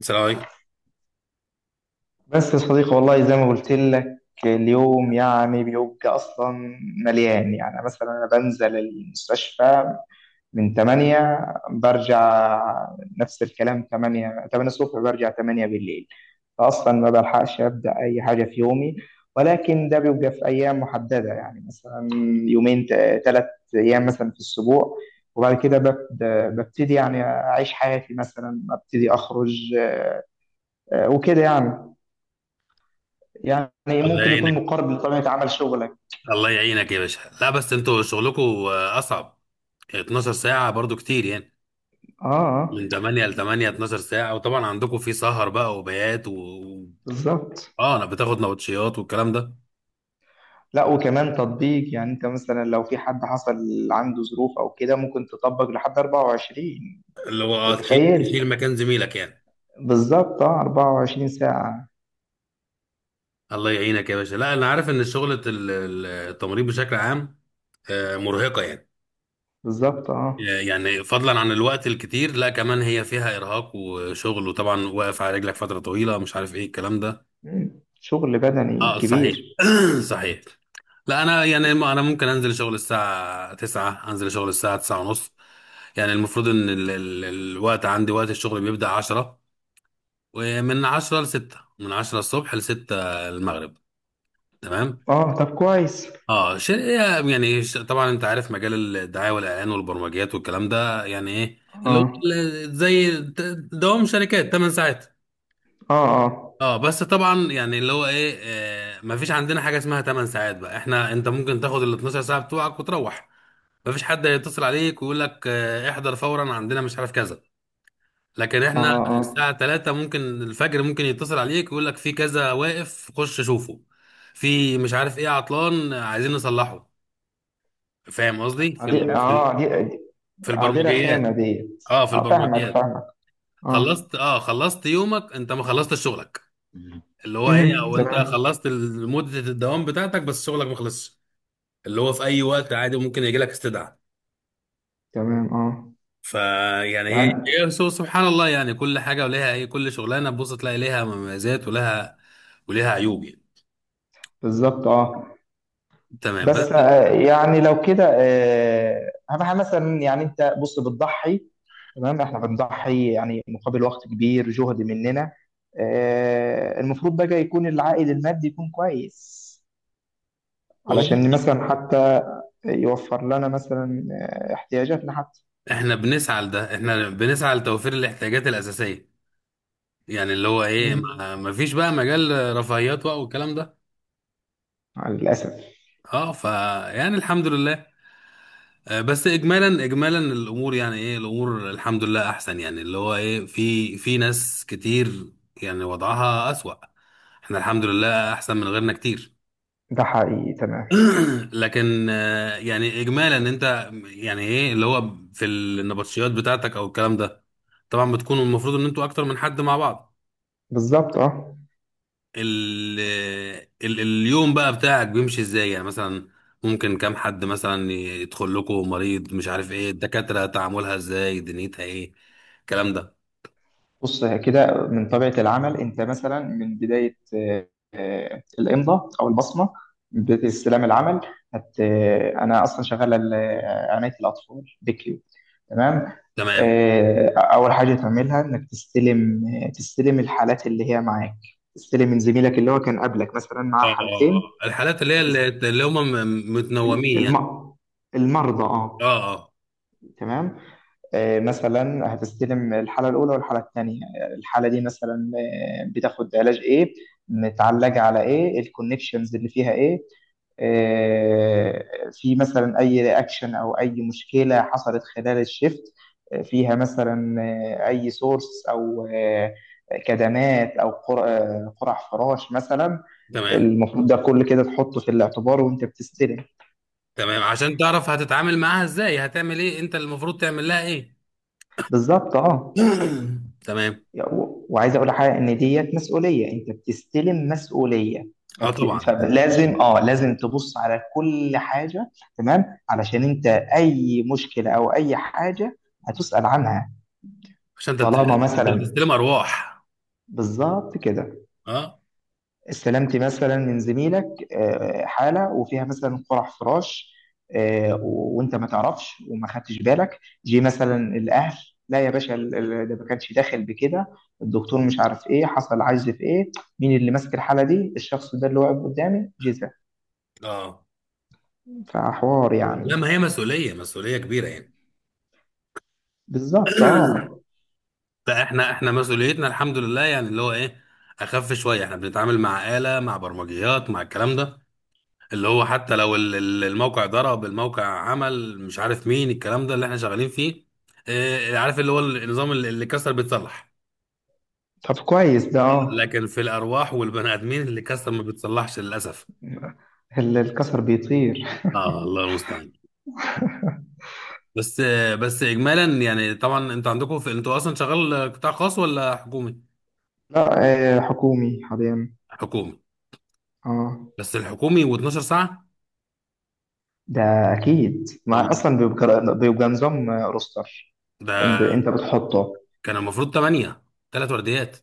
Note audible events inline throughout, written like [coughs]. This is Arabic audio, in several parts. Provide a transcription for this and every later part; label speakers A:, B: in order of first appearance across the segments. A: السلام عليكم.
B: بس يا صديقي، والله زي ما قلت لك، اليوم يعني بيبقى اصلا مليان. يعني مثلا انا بنزل المستشفى من 8، برجع نفس الكلام، 8 8 الصبح، برجع 8 بالليل. فاصلا ما بلحقش ابدا اي حاجه في يومي. ولكن ده بيبقى في ايام محدده، يعني مثلا يومين، ثلاث ايام مثلا في الاسبوع. وبعد كده ببتدي يعني اعيش حياتي، مثلا ابتدي اخرج، وكده يعني. يعني
A: الله
B: ممكن
A: يعينك،
B: يكون مقارب لطبيعة عمل شغلك.
A: الله يعينك يا باشا. لا، بس انتوا شغلكم اصعب. 12 ساعة برضو كتير يعني.
B: اه، آه،
A: من 8 ل 8، 12 ساعة، وطبعا عندكم في سهر بقى وبيات
B: بالظبط.
A: اه، انا بتاخد نوتشيات والكلام ده.
B: لا، وكمان تطبيق. يعني انت مثلا لو في حد حصل عنده ظروف او كده ممكن تطبق لحد 24.
A: اللي هو
B: أنت
A: تشيل،
B: متخيل؟
A: تشيل مكان زميلك يعني.
B: بالظبط، اه، 24 ساعة.
A: الله يعينك يا باشا. لا، انا عارف ان شغلة التمريض بشكل عام، مرهقة يعني.
B: بالظبط، اه.
A: يعني فضلا عن الوقت الكتير، لا كمان هي فيها ارهاق وشغل، وطبعا واقف على رجلك فترة طويلة، مش عارف ايه الكلام ده.
B: مم. شغل بدني
A: اه، صحيح.
B: كبير.
A: [clears throat] صحيح. لا انا يعني انا ممكن انزل شغل الساعه 9، انزل شغل الساعه 9 ونص. يعني المفروض ان ال الوقت، عندي وقت الشغل بيبدأ 10، ومن 10 ل 6، من 10 الصبح ل 6 المغرب. تمام.
B: اه، طب كويس.
A: اه ش- طبعا انت عارف مجال الدعايه والاعلان والبرمجيات والكلام ده يعني ايه. اللي هو
B: اه،
A: زي دوام شركات 8 ساعات.
B: اه، اه،
A: اه، بس طبعا يعني اللي هو ايه، مفيش عندنا حاجه اسمها 8 ساعات بقى. احنا انت ممكن تاخد ال 12 ساعه بتوعك وتروح، مفيش حد هيتصل عليك ويقول لك احضر فورا عندنا مش عارف كذا. لكن
B: اه،
A: احنا
B: اه.
A: الساعه 3 ممكن، الفجر ممكن يتصل عليك ويقول لك في كذا واقف، خش شوفه، في مش عارف ايه عطلان عايزين نصلحه. فاهم قصدي؟
B: عدي، اه، دي
A: في
B: عدي رخامة
A: البرمجيات.
B: ديت.
A: اه، في
B: اه، فاهمك
A: البرمجيات.
B: فاهمك. اه.
A: خلصت يومك، انت ما خلصتش شغلك.
B: مم.
A: اللي هو ايه،
B: امم،
A: او انت
B: تمام.
A: خلصت مدة الدوام بتاعتك بس شغلك ما خلصش. اللي هو في اي وقت عادي ممكن يجي لك استدعاء.
B: تمام، اه،
A: فيعني ايه،
B: يعني
A: سبحان الله يعني. كل حاجة وليها ايه، كل شغلانة تبص تلاقي ليها مميزات، ولها وليها عيوب يعني.
B: بالظبط، اه.
A: تمام
B: بس،
A: بس.
B: يعني لو كده، اهم حاجه مثلا، يعني انت بص، بتضحي، تمام. احنا بنضحي يعني مقابل وقت كبير، جهد مننا. المفروض بقى يكون العائد المادي يكون كويس،
A: والله
B: علشان مثلا حتى يوفر لنا مثلا احتياجاتنا حتى.
A: احنا بنسعى لده، احنا بنسعى لتوفير الاحتياجات الأساسية. يعني اللي هو ايه،
B: مم.
A: ما فيش بقى مجال رفاهيات بقى والكلام ده.
B: للاسف.
A: اه، فيعني الحمد لله. بس اجمالا، اجمالا الامور، يعني ايه الامور الحمد لله احسن، يعني اللي هو ايه، في ناس كتير يعني وضعها اسوأ. احنا الحمد لله احسن من غيرنا كتير.
B: ده حقيقي، تمام.
A: [clears throat] لكن يعني اجمالا، انت يعني ايه، اللي هو في النبطشيات بتاعتك او الكلام ده، طبعا بتكونوا المفروض ان انتوا اكتر من حد مع بعض.
B: بالظبط، اه.
A: ال ال اليوم بقى بتاعك بيمشي ازاي يعني؟ مثلا ممكن كام حد مثلا يدخل لكم مريض، مش عارف ايه الدكاترة تعاملها ازاي، دنيتها ايه الكلام ده.
B: بص، كده من طبيعة العمل، أنت مثلا من بداية الإمضة أو البصمة، من بداية استلام العمل. هت آه، أنا أصلا شغال عناية الأطفال بكيو، تمام.
A: تمام.
B: أول حاجة تعملها إنك تستلم، تستلم الحالات اللي هي معاك، تستلم من زميلك اللي هو كان قبلك، مثلا
A: اه،
B: معاه
A: اه،
B: حالتين.
A: اه. الحالات اللي هي اللي
B: هتست...
A: اللي هم متنومين
B: الم...
A: يعني.
B: المرضى،
A: اه،
B: أه،
A: اه.
B: تمام. مثلا هتستلم الحالة الأولى والحالة الثانية. الحالة دي مثلا بتاخد علاج إيه، متعلجة على إيه، الكونكشنز اللي فيها إيه، آه، في مثلا أي رياكشن أو أي مشكلة حصلت خلال الشيفت، فيها مثلا أي سورس أو كدمات أو قرع فراش مثلا.
A: تمام،
B: المفروض ده كل كده تحطه في الاعتبار وأنت بتستلم.
A: تمام، عشان تعرف هتتعامل معاها ازاي، هتعمل ايه، انت المفروض تعمل لها ايه.
B: بالظبط، أه.
A: [clears throat] تمام.
B: وعايز اقول حاجه، ان ديت مسؤوليه، انت بتستلم مسؤوليه.
A: اه، طبعا،
B: فلازم، اه، لازم تبص على كل حاجه، تمام. علشان انت اي مشكله او اي حاجه هتسال عنها،
A: عشان انت
B: طالما
A: انت
B: مثلا.
A: بتستلم ارواح.
B: بالظبط كده.
A: اه،
B: استلمت مثلا من زميلك حاله وفيها مثلا قرح فراش، وانت ما تعرفش وما خدتش بالك، جه مثلا الاهل: لا يا باشا، ده ما كانش داخل بكده، الدكتور مش عارف ايه، حصل عجز في ايه، مين اللي ماسك الحاله دي؟ الشخص ده اللي واقف قدامي جزا.
A: اه.
B: فحوار
A: لا،
B: يعني.
A: ما هي مسؤولية، مسؤولية كبيرة يعني.
B: بالظبط،
A: [clears throat]
B: اه.
A: لا احنا مسؤوليتنا الحمد لله، يعني اللي هو ايه، اخف شويه. احنا بنتعامل مع آلة، مع برمجيات، مع الكلام ده، اللي هو حتى لو الموقع ضرب، الموقع عمل مش عارف مين، الكلام ده اللي احنا شغالين فيه. اه، عارف اللي هو النظام اللي كسر بيتصلح.
B: طب كويس ده، اه.
A: لكن في الارواح والبني ادمين، اللي كسر ما بيتصلحش للاسف.
B: الكسر بيطير.
A: اه، الله المستعان. بس اجمالا يعني، طبعا انتوا عندكم في، انتوا اصلا شغال قطاع خاص ولا حكومي؟
B: لا، حكومي حاليا.
A: حكومي.
B: اه.
A: بس الحكومي و12 ساعه؟
B: ده اكيد، ما
A: والله
B: اصلا بيبقى نظام روستر. انت انت
A: ده
B: بتحطه.
A: كان المفروض 8، 3 ورديات.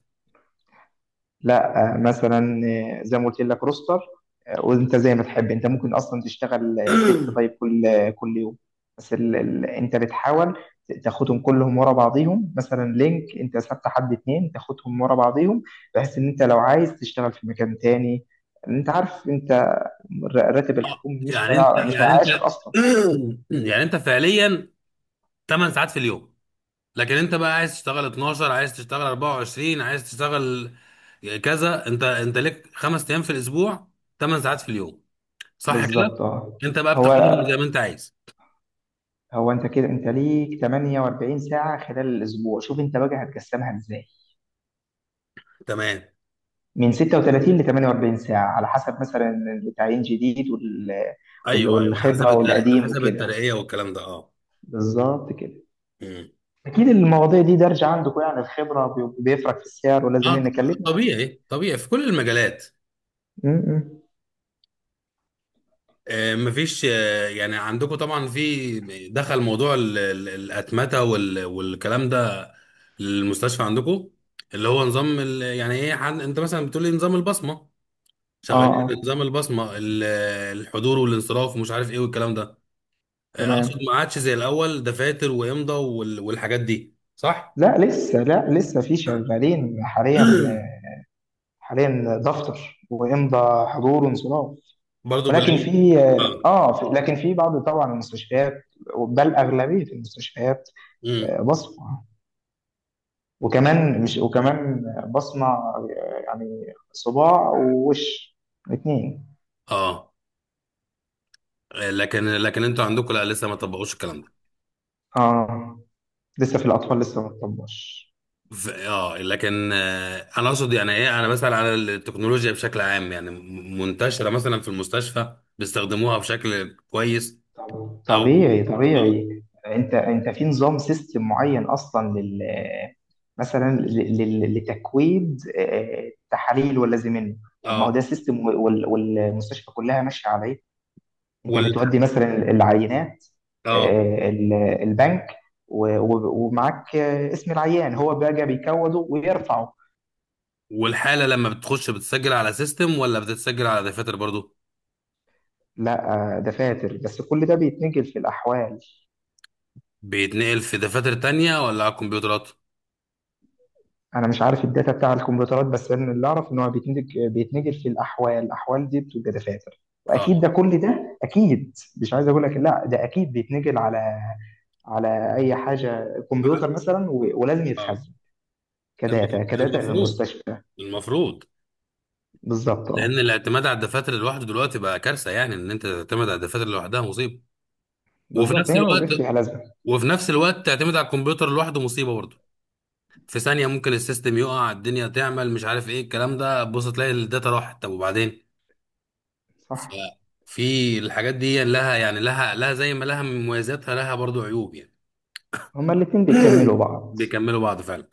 B: لا، مثلا زي ما قلت لك، روستر. وانت زي ما تحب، انت ممكن اصلا تشتغل ست، طيب
A: [clears throat]
B: كل كل يوم. بس انت بتحاول تاخدهم كلهم ورا بعضيهم، مثلا لينك انت ثابت حد اتنين تاخدهم ورا بعضيهم، بحيث ان انت لو عايز تشتغل في مكان تاني، انت عارف انت راتب الحكومي
A: يعني انت،
B: مش هيعيشك اصلا.
A: [clears throat] يعني انت فعليا 8 ساعات في اليوم، لكن انت بقى عايز تشتغل 12، عايز تشتغل 24، عايز تشتغل كذا. انت ليك 5 ايام في الاسبوع، 8 ساعات في اليوم، صح كده؟
B: بالظبط، اه.
A: انت بقى
B: هو
A: بتاخدهم زي ما انت عايز.
B: هو انت كده انت ليك 48 ساعة خلال الاسبوع، شوف انت بقى هتقسمها ازاي.
A: تمام.
B: من 36 ل 48 ساعة، على حسب مثلا التعيين جديد
A: ايوه، ايوه، حسب
B: والخبرة
A: الترقية،
B: والقديم
A: حسب
B: وكده.
A: الترقية والكلام ده. اه.
B: بالظبط كده.
A: مم.
B: اكيد المواضيع دي درجة عندكم، يعني الخبرة بيفرق في السعر،
A: اه.
B: ولازم نكلمنا عن.
A: طبيعي، طبيعي في كل المجالات.
B: م- م.
A: مفيش يعني عندكم طبعا في، دخل موضوع الأتمتة والكلام ده، المستشفى عندكم اللي هو نظام يعني ايه انت مثلا بتقول لي نظام البصمة،
B: اه،
A: شغالين
B: اه،
A: بنظام البصمة الحضور والانصراف ومش عارف ايه والكلام ده. اقصد
B: تمام.
A: ما عادش زي الأول دفاتر وإمضة والحاجات دي، صح؟
B: لا لسه، لا لسه في
A: [coughs]
B: شغالين حاليا.
A: [clears throat]
B: حاليا دفتر ويمضى حضور وانصراف،
A: برضه
B: ولكن
A: بالإمضة.
B: في،
A: اه.
B: اه، في، لكن في بعض طبعا المستشفيات، بل اغلبيه المستشفيات
A: مم.
B: بصمه. وكمان مش، وكمان بصمه، يعني صباع ووش الاثنين.
A: اه. لكن انتوا عندكم لا لسه ما طبقوش الكلام ده.
B: اه. لسه في الاطفال لسه ما اتطبقش.
A: لكن انا اقصد يعني ايه، انا بسأل على التكنولوجيا بشكل عام، يعني منتشرة مثلا في المستشفى بيستخدموها بشكل كويس؟ او اه
B: طبيعي طبيعي، انت انت في نظام سيستم معين اصلا لل، مثلا لتكويد تحاليل ولا زي منه. طب ما هو
A: آه،
B: ده سيستم، والمستشفى كلها ماشيه عليه. انت
A: وال
B: بتودي مثلا العينات،
A: اه
B: البنك، ومعاك اسم العيان، هو بقى بيكوده ويرفعه.
A: والحالة لما بتخش بتسجل على سيستم ولا بتتسجل على دفاتر برضو؟
B: لا، دفاتر، بس كل ده بيتنقل في الاحوال.
A: بيتنقل في دفاتر تانية ولا على الكمبيوترات؟
B: انا مش عارف الداتا بتاع الكمبيوترات، بس انا اللي اعرف ان هو بيتنتج في الاحوال. الاحوال دي بتبقى دفاتر، واكيد ده
A: اه،
B: كل ده اكيد، مش عايز اقول لك لا، ده اكيد بيتنقل على، على اي حاجه
A: اه.
B: كمبيوتر مثلا، ولازم
A: آه،
B: يتخزن كداتا، كداتا
A: المفروض،
B: للمستشفى.
A: المفروض.
B: بالظبط،
A: لان
B: اه.
A: الاعتماد على الدفاتر لوحده دلوقتي بقى كارثة، يعني ان انت تعتمد على الدفاتر لوحدها مصيبة. وفي
B: بالظبط،
A: نفس
B: هي ما بقاش
A: الوقت
B: ليها لازمه.
A: وفي نفس الوقت تعتمد على الكمبيوتر لوحده مصيبه برضه. في ثانيه ممكن السيستم يقع، الدنيا تعمل مش عارف ايه الكلام ده، بص تلاقي الداتا راحت، طب وبعدين. ف-
B: صح.
A: في الحاجات دي لها يعني لها زي ما لها من مميزاتها، لها برضه عيوب يعني.
B: هما الاتنين بيكملوا
A: [coughs] [clears throat]
B: بعض.
A: بيكملوا بعض فعلا.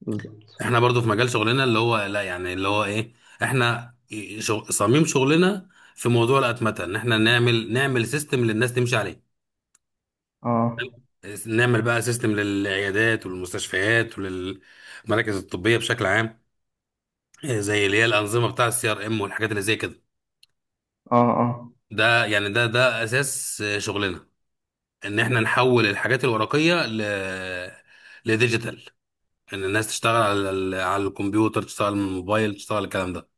B: بالظبط.
A: احنا برضو في مجال شغلنا، اللي هو لا يعني اللي هو ايه، احنا صميم شغلنا في موضوع الاتمته، ان احنا نعمل سيستم للناس تمشي عليه،
B: اه،
A: نعمل بقى سيستم للعيادات والمستشفيات وللمراكز الطبيه بشكل عام. زي اللي هي الانظمه بتاع الCRM والحاجات اللي زي كده.
B: اه. اه
A: ده يعني ده اساس شغلنا، ان احنا نحول الحاجات الورقيه لديجيتال، ان الناس تشتغل على على الكمبيوتر، تشتغل من الموبايل، تشتغل على الكلام ده.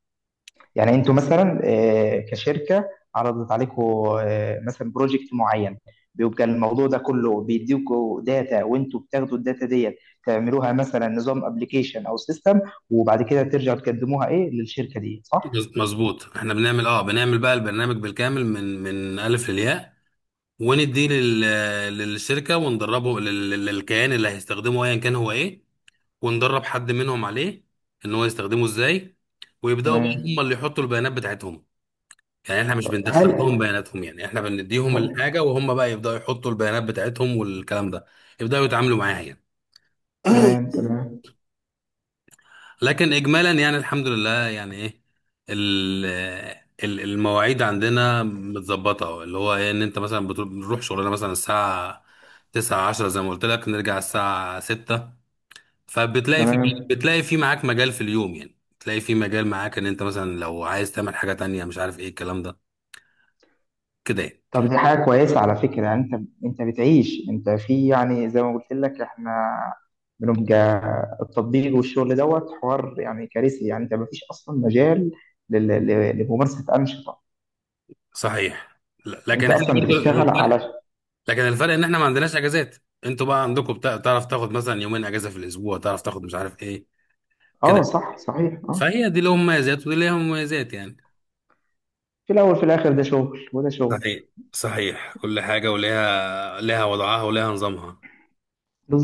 B: يعني انتوا مثلا كشركه عرضت عليكم مثلا بروجكت معين، بيبقى الموضوع ده كله، بيديكوا داتا، وانتوا بتاخدوا الداتا ديت تعملوها مثلا نظام ابلكيشن او سيستم، وبعد كده ترجعوا تقدموها ايه للشركه دي، صح؟
A: مظبوط. احنا بنعمل، بقى البرنامج بالكامل من الف للياء، ونديه للشركه، وندربه للكيان اللي هيستخدمه ايا كان هو ايه، وندرب حد منهم عليه ان هو يستخدمه ازاي، ويبداوا بقى هم
B: تمام.
A: اللي يحطوا البيانات بتاعتهم. يعني احنا مش
B: طب
A: بندخل
B: هل،
A: لهم بياناتهم، يعني احنا بنديهم
B: هو،
A: الحاجه وهم بقى يبداوا يحطوا البيانات بتاعتهم والكلام ده، يبداوا يتعاملوا معاها يعني.
B: تمام
A: [clears throat]
B: تمام.
A: لكن اجمالا يعني الحمد لله، يعني ايه، ال- المواعيد عندنا متظبطه، اللي هو ايه ان انت مثلا بنروح شغلنا مثلا الساعه 9، 10 زي ما قلت لك، نرجع الساعه 6. فبتلاقي في
B: تمام.
A: بتلاقي في معاك مجال في اليوم، يعني بتلاقي في مجال معاك، ان انت مثلا لو عايز تعمل حاجه تانية، مش عارف ايه الكلام ده، كده يعني.
B: طب دي حاجة كويسة على فكرة، يعني انت، انت بتعيش، انت في، يعني زي ما قلت لك احنا بنبقى، التطبيق والشغل دوت، حوار يعني كارثي، يعني انت مفيش اصلا مجال لممارسة انشطة،
A: صحيح. لكن
B: انت
A: احنا
B: اصلا
A: برضو
B: بتشتغل
A: الفرق،
B: على.
A: لكن الفرق ان احنا ما عندناش اجازات. انتوا بقى عندكم تعرف تاخد مثلا يومين اجازه في الاسبوع، تعرف تاخد مش عارف ايه
B: اه،
A: كده.
B: صح، صحيح، اه.
A: فهي دي لهم مميزات ودي ليها مميزات يعني.
B: في الاول في الاخر، ده شغل وده شغل.
A: صحيح، صحيح. كل حاجه ليها وضعها وليها نظامها.